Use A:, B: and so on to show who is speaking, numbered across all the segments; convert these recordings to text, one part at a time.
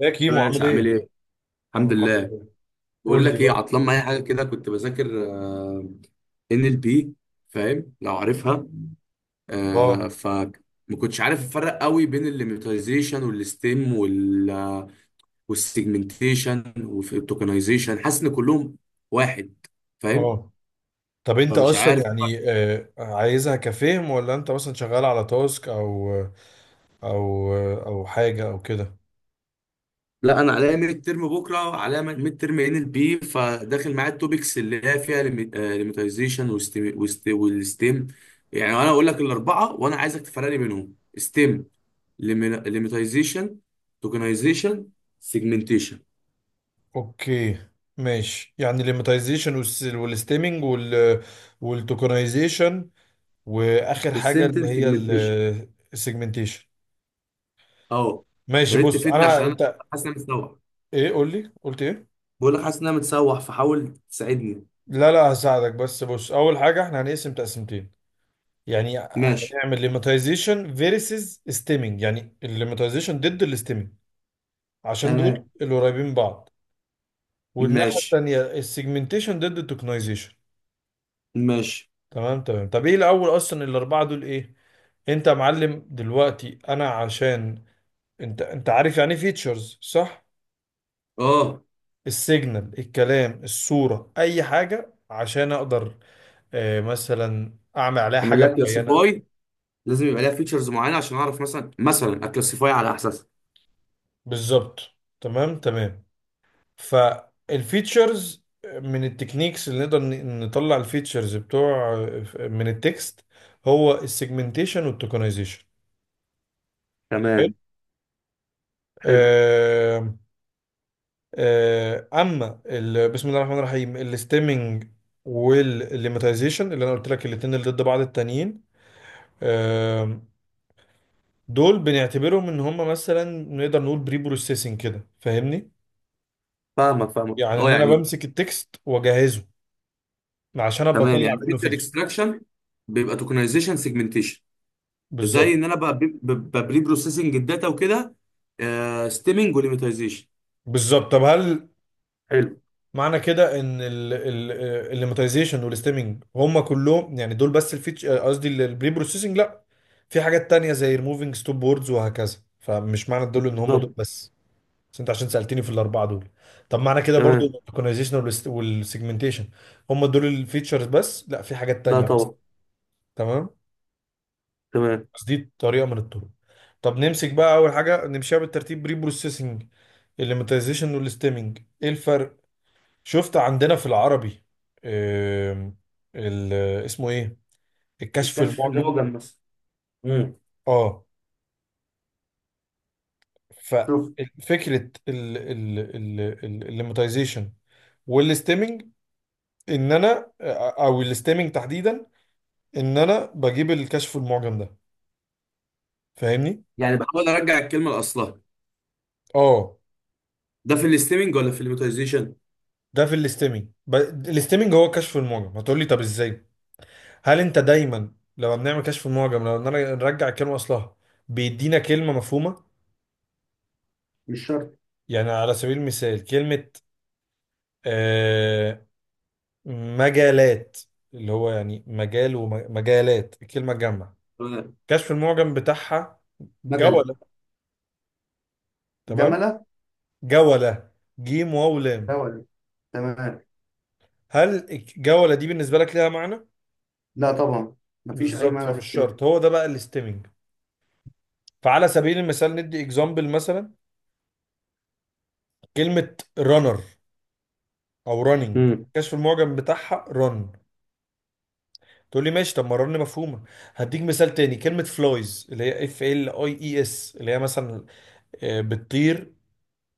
A: يا
B: يا
A: كيمو عامل
B: باشا عامل
A: ايه؟
B: ايه؟
A: انا
B: الحمد
A: الحمد
B: لله.
A: لله.
B: بقول
A: قول لي
B: لك ايه،
A: بقى.
B: عطلان معايا حاجه كده كنت بذاكر NLP. فاهم لو عارفها؟ آه
A: اه
B: ف ما كنتش عارف افرق قوي بين الليميتايزيشن والستيم والسيجمنتيشن والتوكنايزيشن، حاسس ان كلهم واحد، فاهم؟
A: اه، طب انت
B: فمش
A: اصلا
B: عارف.
A: يعني عايزها كفهم، ولا انت مثلا شغال على تاسك او او حاجه او كده.
B: لا، انا عليا ميد ترم بكره، عليا ميد ترم NLP فداخل معايا التوبكس اللي هي فيها ليميتايزيشن والستيم. يعني انا اقول لك الاربعه وانا عايزك تفرق لي بينهم: ستيم، ليميتايزيشن، توكنايزيشن، سيجمنتيشن
A: اوكي ماشي، يعني الليماتيزيشن والستيمنج وال- والتوكنايزيشن، واخر حاجه
B: والسنتم
A: اللي هي
B: سيجمنتيشن.
A: السيجمنتيشن.
B: اه، يا
A: ماشي،
B: ريت
A: بص
B: تفيدني
A: انا
B: عشان انا
A: انت،
B: حاسس ان انا متسوح.
A: ايه قول لي قلت ايه.
B: بقول لك حاسس ان انا متسوح فحاول تساعدني.
A: لا هساعدك، بس بص اول حاجه احنا هنقسم تقسيمتين، يعني
B: ماشي.
A: هنعمل ليماتيزيشن فيرسز ستيمنج، يعني الليماتيزيشن ضد الستيمنج، عشان دول
B: تمام.
A: اللي قريبين من بعض، والناحية
B: ماشي
A: التانية السيجمنتيشن ضد التوكنايزيشن.
B: ماشي.
A: تمام، طب ايه الاول اصلا الاربعة دول ايه. انت يا معلم دلوقتي انا عشان، انت عارف يعني فيتشرز صح،
B: اه.
A: السيجنال الكلام الصورة اي حاجة عشان اقدر مثلا اعمل عليها
B: اعمل
A: حاجة
B: لك
A: معينة.
B: كلاسيفاي لازم يبقى ليها فيتشرز معينه عشان اعرف مثلا اكلاسيفاي على اساسها.
A: بالظبط، تمام. فالفيتشرز من التكنيكس اللي نقدر نطلع الفيتشرز بتوع من التكست، هو السيجمنتيشن والتوكنايزيشن. حلو.
B: تمام. حلو.
A: آه، اما بسم الله الرحمن الرحيم، الاستيمنج والليماتيزيشن اللي انا قلت لك الاتنين اللي ضد بعض التانيين، آه، دول بنعتبرهم ان هم مثلا نقدر نقول بري بروسيسنج كده، فاهمني،
B: فاهمك فاهمك،
A: يعني
B: اه
A: ان انا
B: يعني.
A: بمسك التكست واجهزه عشان ابقى
B: تمام،
A: اطلع
B: يعني
A: منه
B: فيتشر
A: فيتشر.
B: اكستراكشن بيبقى توكنايزيشن سيجمنتيشن. زي
A: بالظبط،
B: ان انا بقى ببري بروسيسنج الداتا وكده، ستيمنج وليميتايزيشن.
A: بالظبط. طب هل
B: حلو.
A: معنى كده ان الليماتيزيشن والستيمنج هم كلهم يعني دول بس الفيتش، قصدي البري بروسيسنج؟ لا، في حاجات تانية زي ريموفينج ستوب بوردز وهكذا، فمش معنى دول ان هم دول
B: بالظبط.
A: بس، بس انت عشان سألتني في الاربعه دول. طب معنى كده برضو
B: تمام.
A: الاورجنايزيشن والسيجمنتيشن هم دول الفيتشرز بس؟ لا، في حاجات
B: لا
A: تانية، بس
B: طبعا.
A: تمام.
B: تمام.
A: بس دي طريقه من الطرق. طب نمسك بقى اول حاجه نمشيها بالترتيب، بري بروسيسنج، الليماتيزيشن والستيمنج ايه الفرق. شفت عندنا في العربي، آم، ال- اسمه ايه، الكشف
B: الكشف
A: المعجم.
B: المعجم مثلا. امم
A: اه،
B: شوف.
A: ففكرة الليماتيزيشن والستيمنج ان انا، او الستيمنج تحديدا، ان انا بجيب الكشف المعجم ده، فاهمني.
B: يعني بحاول ارجع الكلمه لاصلها.
A: اه،
B: ده في الاستيمنج ولا في الليميتايزيشن؟
A: ده في الستيمنج. الستيمنج هو كشف المعجم، هتقول لي طب ازاي، هل انت دايما لما بنعمل كشف المعجم لو إن أنا نرجع الكلمة اصلها بيدينا كلمة مفهومة؟
B: مش شرط.
A: يعني على سبيل المثال كلمة آه مجالات، اللي هو يعني مجال ومجالات، الكلمة تجمع،
B: تمام.
A: كشف المعجم بتاعها
B: مجله.
A: جولة. تمام،
B: جمله.
A: جولة، جيم واو لام.
B: ده ولا. تمام.
A: هل الجولة دي بالنسبة لك ليها معنى؟
B: لا طبعا، مفيش أي
A: بالظبط،
B: معنى في
A: فمش
B: الكلمة.
A: شرط، هو ده بقى الاستيمنج. فعلى سبيل المثال، ندي اكزامبل، مثلا كلمة رانر او راننج،
B: امم
A: كشف المعجم بتاعها رن، تقول لي ماشي، طب ما رن مفهومة. هديك مثال تاني، كلمة فلايز اللي هي اف ال اي اي اس، اللي هي مثلا بتطير،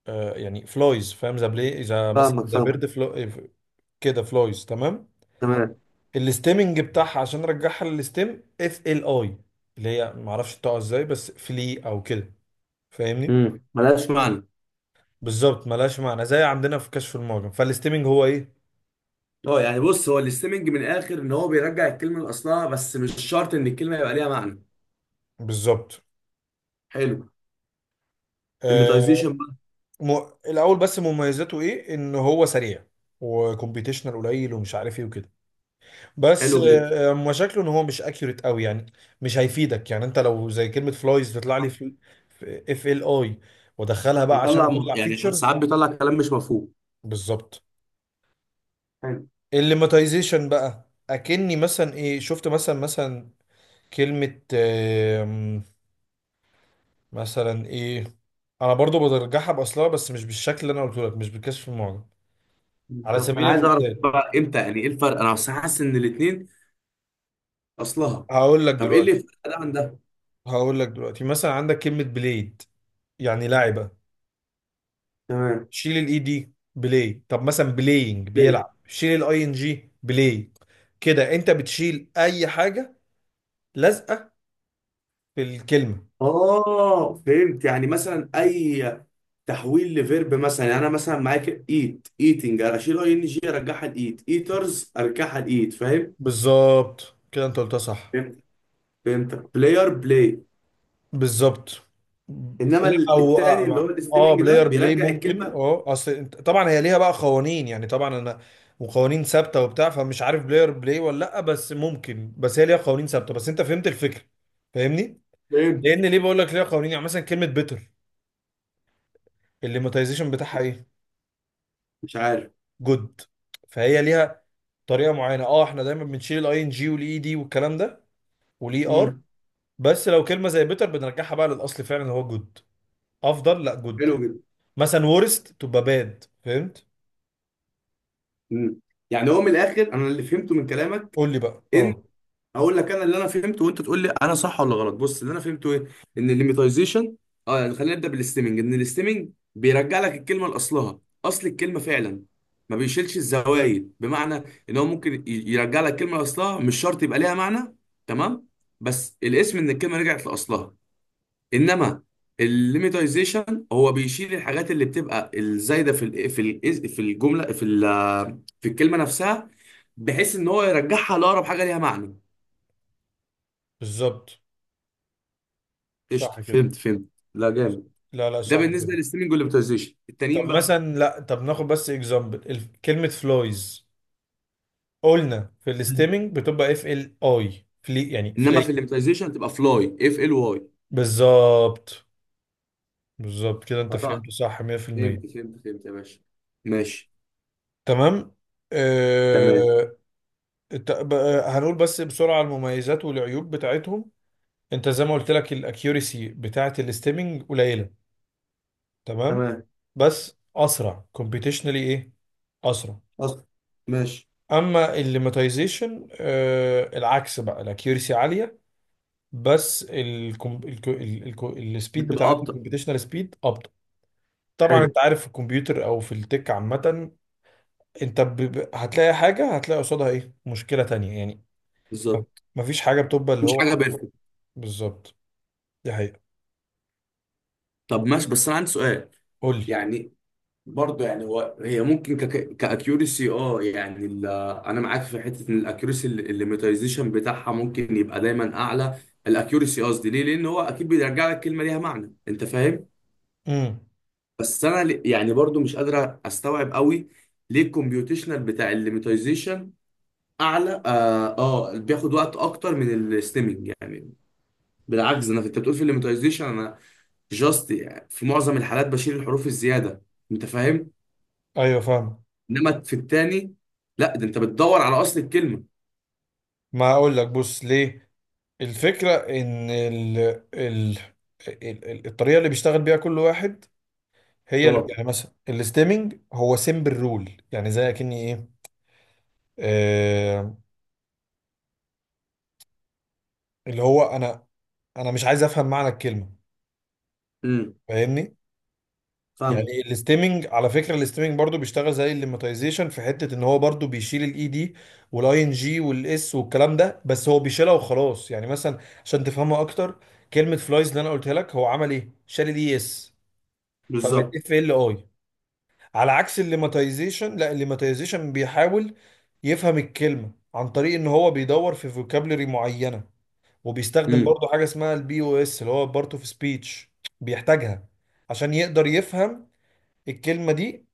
A: يعني فلايز، فاهم، ذا بلاي، ذا مثلا
B: فاهمك
A: ذا
B: فاهمك.
A: بيرد فلو كده، فلايز تمام.
B: تمام.
A: الاستيمنج بتاعها عشان ارجعها للاستيم، اف ال اي، اللي هي معرفش بتقع ازاي، بس فلي او كده، فاهمني.
B: ملهاش معنى.
A: بالظبط، ملهاش معنى زي عندنا في كشف المعجم. فالاستيمنج هو ايه،
B: اه، يعني بص، هو الاستيمنج من الاخر ان هو بيرجع الكلمه لاصلها بس مش شرط ان الكلمه يبقى ليها معنى.
A: بالظبط.
B: حلو. ديميتايزيشن
A: آه
B: بقى.
A: م... الاول بس مميزاته ايه، ان هو سريع وكمبيوتيشنال قليل ومش عارف ايه وكده، بس
B: حلو جدا.
A: مشاكله ان هو مش اكيوريت قوي يعني، مش هيفيدك يعني. انت لو زي كلمه فلايز تطلع لي
B: صح.
A: في اف ال اي وادخلها بقى عشان
B: بيطلع
A: اطلع
B: يعني ساعات
A: فيتشرز.
B: بيطلع كلام مش مفهوم.
A: بالظبط.
B: حلو.
A: الليماتيزيشن بقى اكني مثلا ايه، شفت، مثلا كلمه مثلا ايه، انا برضو برجعها باصلها بس مش بالشكل اللي انا قلته لك، مش بالكشف المعجم. على
B: بالظبط، انا
A: سبيل
B: عايز اعرف
A: المثال،
B: بقى امتى يعني ايه الفرق؟ انا أصل حاسس ان الاثنين اصلها.
A: هقول لك
B: طب ايه اللي
A: دلوقتي،
B: يفرق ده عن ده؟
A: هقول لك دلوقتي، مثلا عندك كلمه بليد يعني لاعب،
B: تمام.
A: شيل الاي دي، بلاي. طب مثلا بلاينج،
B: ليه؟
A: بيلعب، شيل الاي ان جي، بلاي. كده انت بتشيل اي حاجه لازقه في الكلمه.
B: اه، فهمت. يعني مثلا اي تحويل لفيرب، مثلا يعني انا مثلا معاك ايت، ايتنج اشيل ING ارجعها لايت، ايترز ارجعها لايت، فاهم؟
A: بالظبط، كده انت قلتها صح.
B: فهمت. فهمتك، بلاير بلاي.
A: بالظبط.
B: انما
A: لا او
B: التاني اللي هو
A: اه
B: الاستيمنج ده
A: بلاير بلاي
B: بيرجع
A: ممكن
B: الكلمه.
A: اه، اصل انت طبعا هي ليها بقى قوانين يعني، طبعا انا، وقوانين ثابته وبتاع، فمش عارف بلاير بلاي ولا لا، بس ممكن، بس هي ليها قوانين ثابته، بس انت فهمت الفكره، فاهمني.
B: فهمت.
A: لان ليه بقول لك ليها قوانين، يعني مثلا كلمه بيتر، الليماتيزيشن بتاعها ايه،
B: مش عارف.
A: جود. فهي ليها طريقه معينه، اه احنا دايما بنشيل الاي ان جي والاي دي والكلام ده والاي ار،
B: امم.
A: بس لو كلمه زي بيتر بنرجعها بقى للاصل فعلا اللي هو جود، افضل لا جود.
B: حلو جدا.
A: مثلا ورست تبقى باد، فهمت.
B: امم، يعني هو من الاخر، انا اللي فهمته من كلامك
A: قول لي بقى،
B: ان
A: اه.
B: اقول لك انا اللي انا فهمته وانت تقول لي انا صح ولا غلط. بص اللي انا فهمته ايه، ان الليميتايزيشن، اه يعني خلينا نبدا بالاستيمنج. ان الاستيمنج بيرجع لك الكلمه لاصلها، اصل الكلمه فعلا، ما بيشيلش الزوايد، بمعنى ان هو ممكن يرجع لك الكلمه لاصلها مش شرط يبقى ليها معنى. تمام. بس الاسم ان الكلمه رجعت لاصلها. انما الليميتايزيشن هو بيشيل الحاجات اللي بتبقى الزايده في ال في ال في الجمله في ال- في الكلمه نفسها، بحيث ان هو يرجعها لاقرب حاجه ليها معنى.
A: بالظبط،
B: قشطه،
A: صح كده.
B: فهمت فهمت. لا جامد.
A: لا لا،
B: ده
A: صح
B: بالنسبه
A: كده.
B: للستريمنج والامتيازيشن التانيين
A: طب
B: بقى.
A: مثلا، لا طب ناخد بس اكزامبل، كلمه فلويز، قلنا في
B: مم.
A: الستيمنج بتبقى اف ال اي، فلي، يعني
B: انما
A: فلي.
B: في الامتيازيشن تبقى فلاي FLY.
A: بالظبط، بالظبط، كده انت
B: قطعت.
A: فهمت صح 100%.
B: فهمت فهمت فهمت يا باشا. ماشي.
A: تمام.
B: تمام.
A: آه... هنقول بس بسرعة المميزات والعيوب بتاعتهم. انت زي ما قلت لك الاكيوريسي بتاعة الاستيمنج قليلة، تمام،
B: تمام.
A: بس اسرع كومبيتيشنالي، ايه اسرع.
B: اصلا. ماشي.
A: اما الليماتيزيشن العكس بقى، الاكيوريسي عالية بس السبيد
B: بتبقى
A: بتاعته،
B: ابطا.
A: الكومبيتيشنال سبيد، ابطأ. طبعا
B: حلو.
A: انت عارف في الكمبيوتر او في التك عامة، انت هتلاقي حاجة هتلاقي قصادها ايه، مشكلة تانية يعني،
B: بالظبط.
A: مفيش حاجه بتبقى اللي
B: مش
A: هو
B: حاجه
A: حاجه.
B: بيرفكت.
A: بالظبط، دي حقيقه.
B: طب ماشي، بس انا عندي سؤال.
A: قول لي.
B: يعني برضه يعني هو هي ممكن كاكيورسي، اه يعني انا معاك في حته ان الاكيورسي الليميتايزيشن بتاعها ممكن يبقى دايما اعلى. الاكيورسي قصدي، ليه؟ لان هو اكيد بيرجع لك كلمه ليها معنى، انت فاهم.
A: امم،
B: بس انا يعني برضه مش قادر استوعب قوي ليه الكمبيوتيشنال بتاع الليميتايزيشن اعلى، بياخد وقت اكتر من الستيمنج يعني. بالعكس، انا انت بتقول في الليميتايزيشن انا جاست يعني في معظم الحالات بشيل الحروف الزياده، انت فاهم؟
A: ايوه فاهم.
B: انما في التاني لا، ده انت بتدور على اصل الكلمه.
A: ما اقول لك بص ليه، الفكره ان ال... ال... الطريقه اللي بيشتغل بيها كل واحد هي اللي،
B: اه.
A: يعني مثلا الاستيمنج هو سيمبل رول، يعني زي اكني ايه، آه... اللي هو انا، انا مش عايز افهم معنى الكلمه،
B: امم
A: فاهمني.
B: فاهمه.
A: يعني الاستيمنج، على فكره الاستيمنج برضو بيشتغل زي الليماتيزيشن في حته ان هو برضو بيشيل الاي دي والاي ان جي والاس والكلام ده، بس هو بيشيلها وخلاص. يعني مثلا، عشان تفهمها اكتر، كلمه فلايز اللي انا قلتها لك، هو عمل ايه، شال الاي اس، فبقت
B: بالظبط.
A: اف ال اي. على عكس الليماتيزيشن، لا الليماتيزيشن بيحاول يفهم الكلمه عن طريق ان هو بيدور في فوكابولري معينه، وبيستخدم
B: امم،
A: برضو حاجه اسمها البي او اس اللي هو بارت اوف سبيتش، بيحتاجها عشان يقدر يفهم الكلمه دي،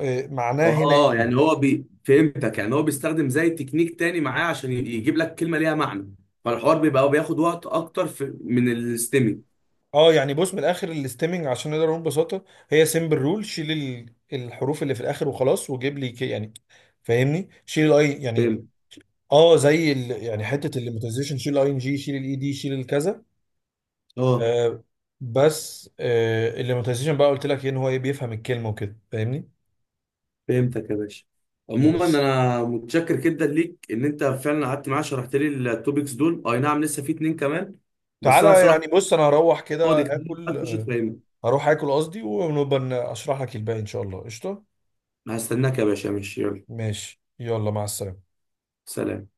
A: معناه هنا
B: اه يعني
A: ايه.
B: هو فهمتك، يعني هو بيستخدم زي تكنيك تاني معاه عشان يجيب لك كلمه ليها معنى، فالحوار بيبقى بياخد وقت اكتر من الاستمي.
A: اه يعني بص من الاخر الاستيمنج عشان نقدر نقول ببساطه، هي سيمبل رول، شيل الحروف اللي في الاخر وخلاص وجيب لي كي يعني، فاهمني، شيل الاي يعني.
B: فهمت.
A: اه زي ال، يعني حته الليماتيزيشن، شيل الاي ان جي، شيل الاي دي، شيل الكذا.
B: اه
A: آه، بس آه الليماتيزيشن بقى قلت لك ان هو بيفهم الكلمه وكده، فاهمني.
B: فهمتك يا باشا. عموما
A: بس
B: انا متشكر جدا ليك ان انت فعلا قعدت معايا شرحت لي التوبكس دول. اي نعم لسه في اتنين كمان، بس
A: تعالى
B: انا
A: يعني،
B: بصراحه
A: بص انا هروح كده
B: فاضي، كمان
A: اكل،
B: هتخش تفهمني؟
A: هروح اكل قصدي، ونبقى اشرح لك الباقي ان شاء الله، قشطه.
B: هستناك يا باشا، ماشي، يلا.
A: ماشي يلا، مع السلامه.
B: سلام.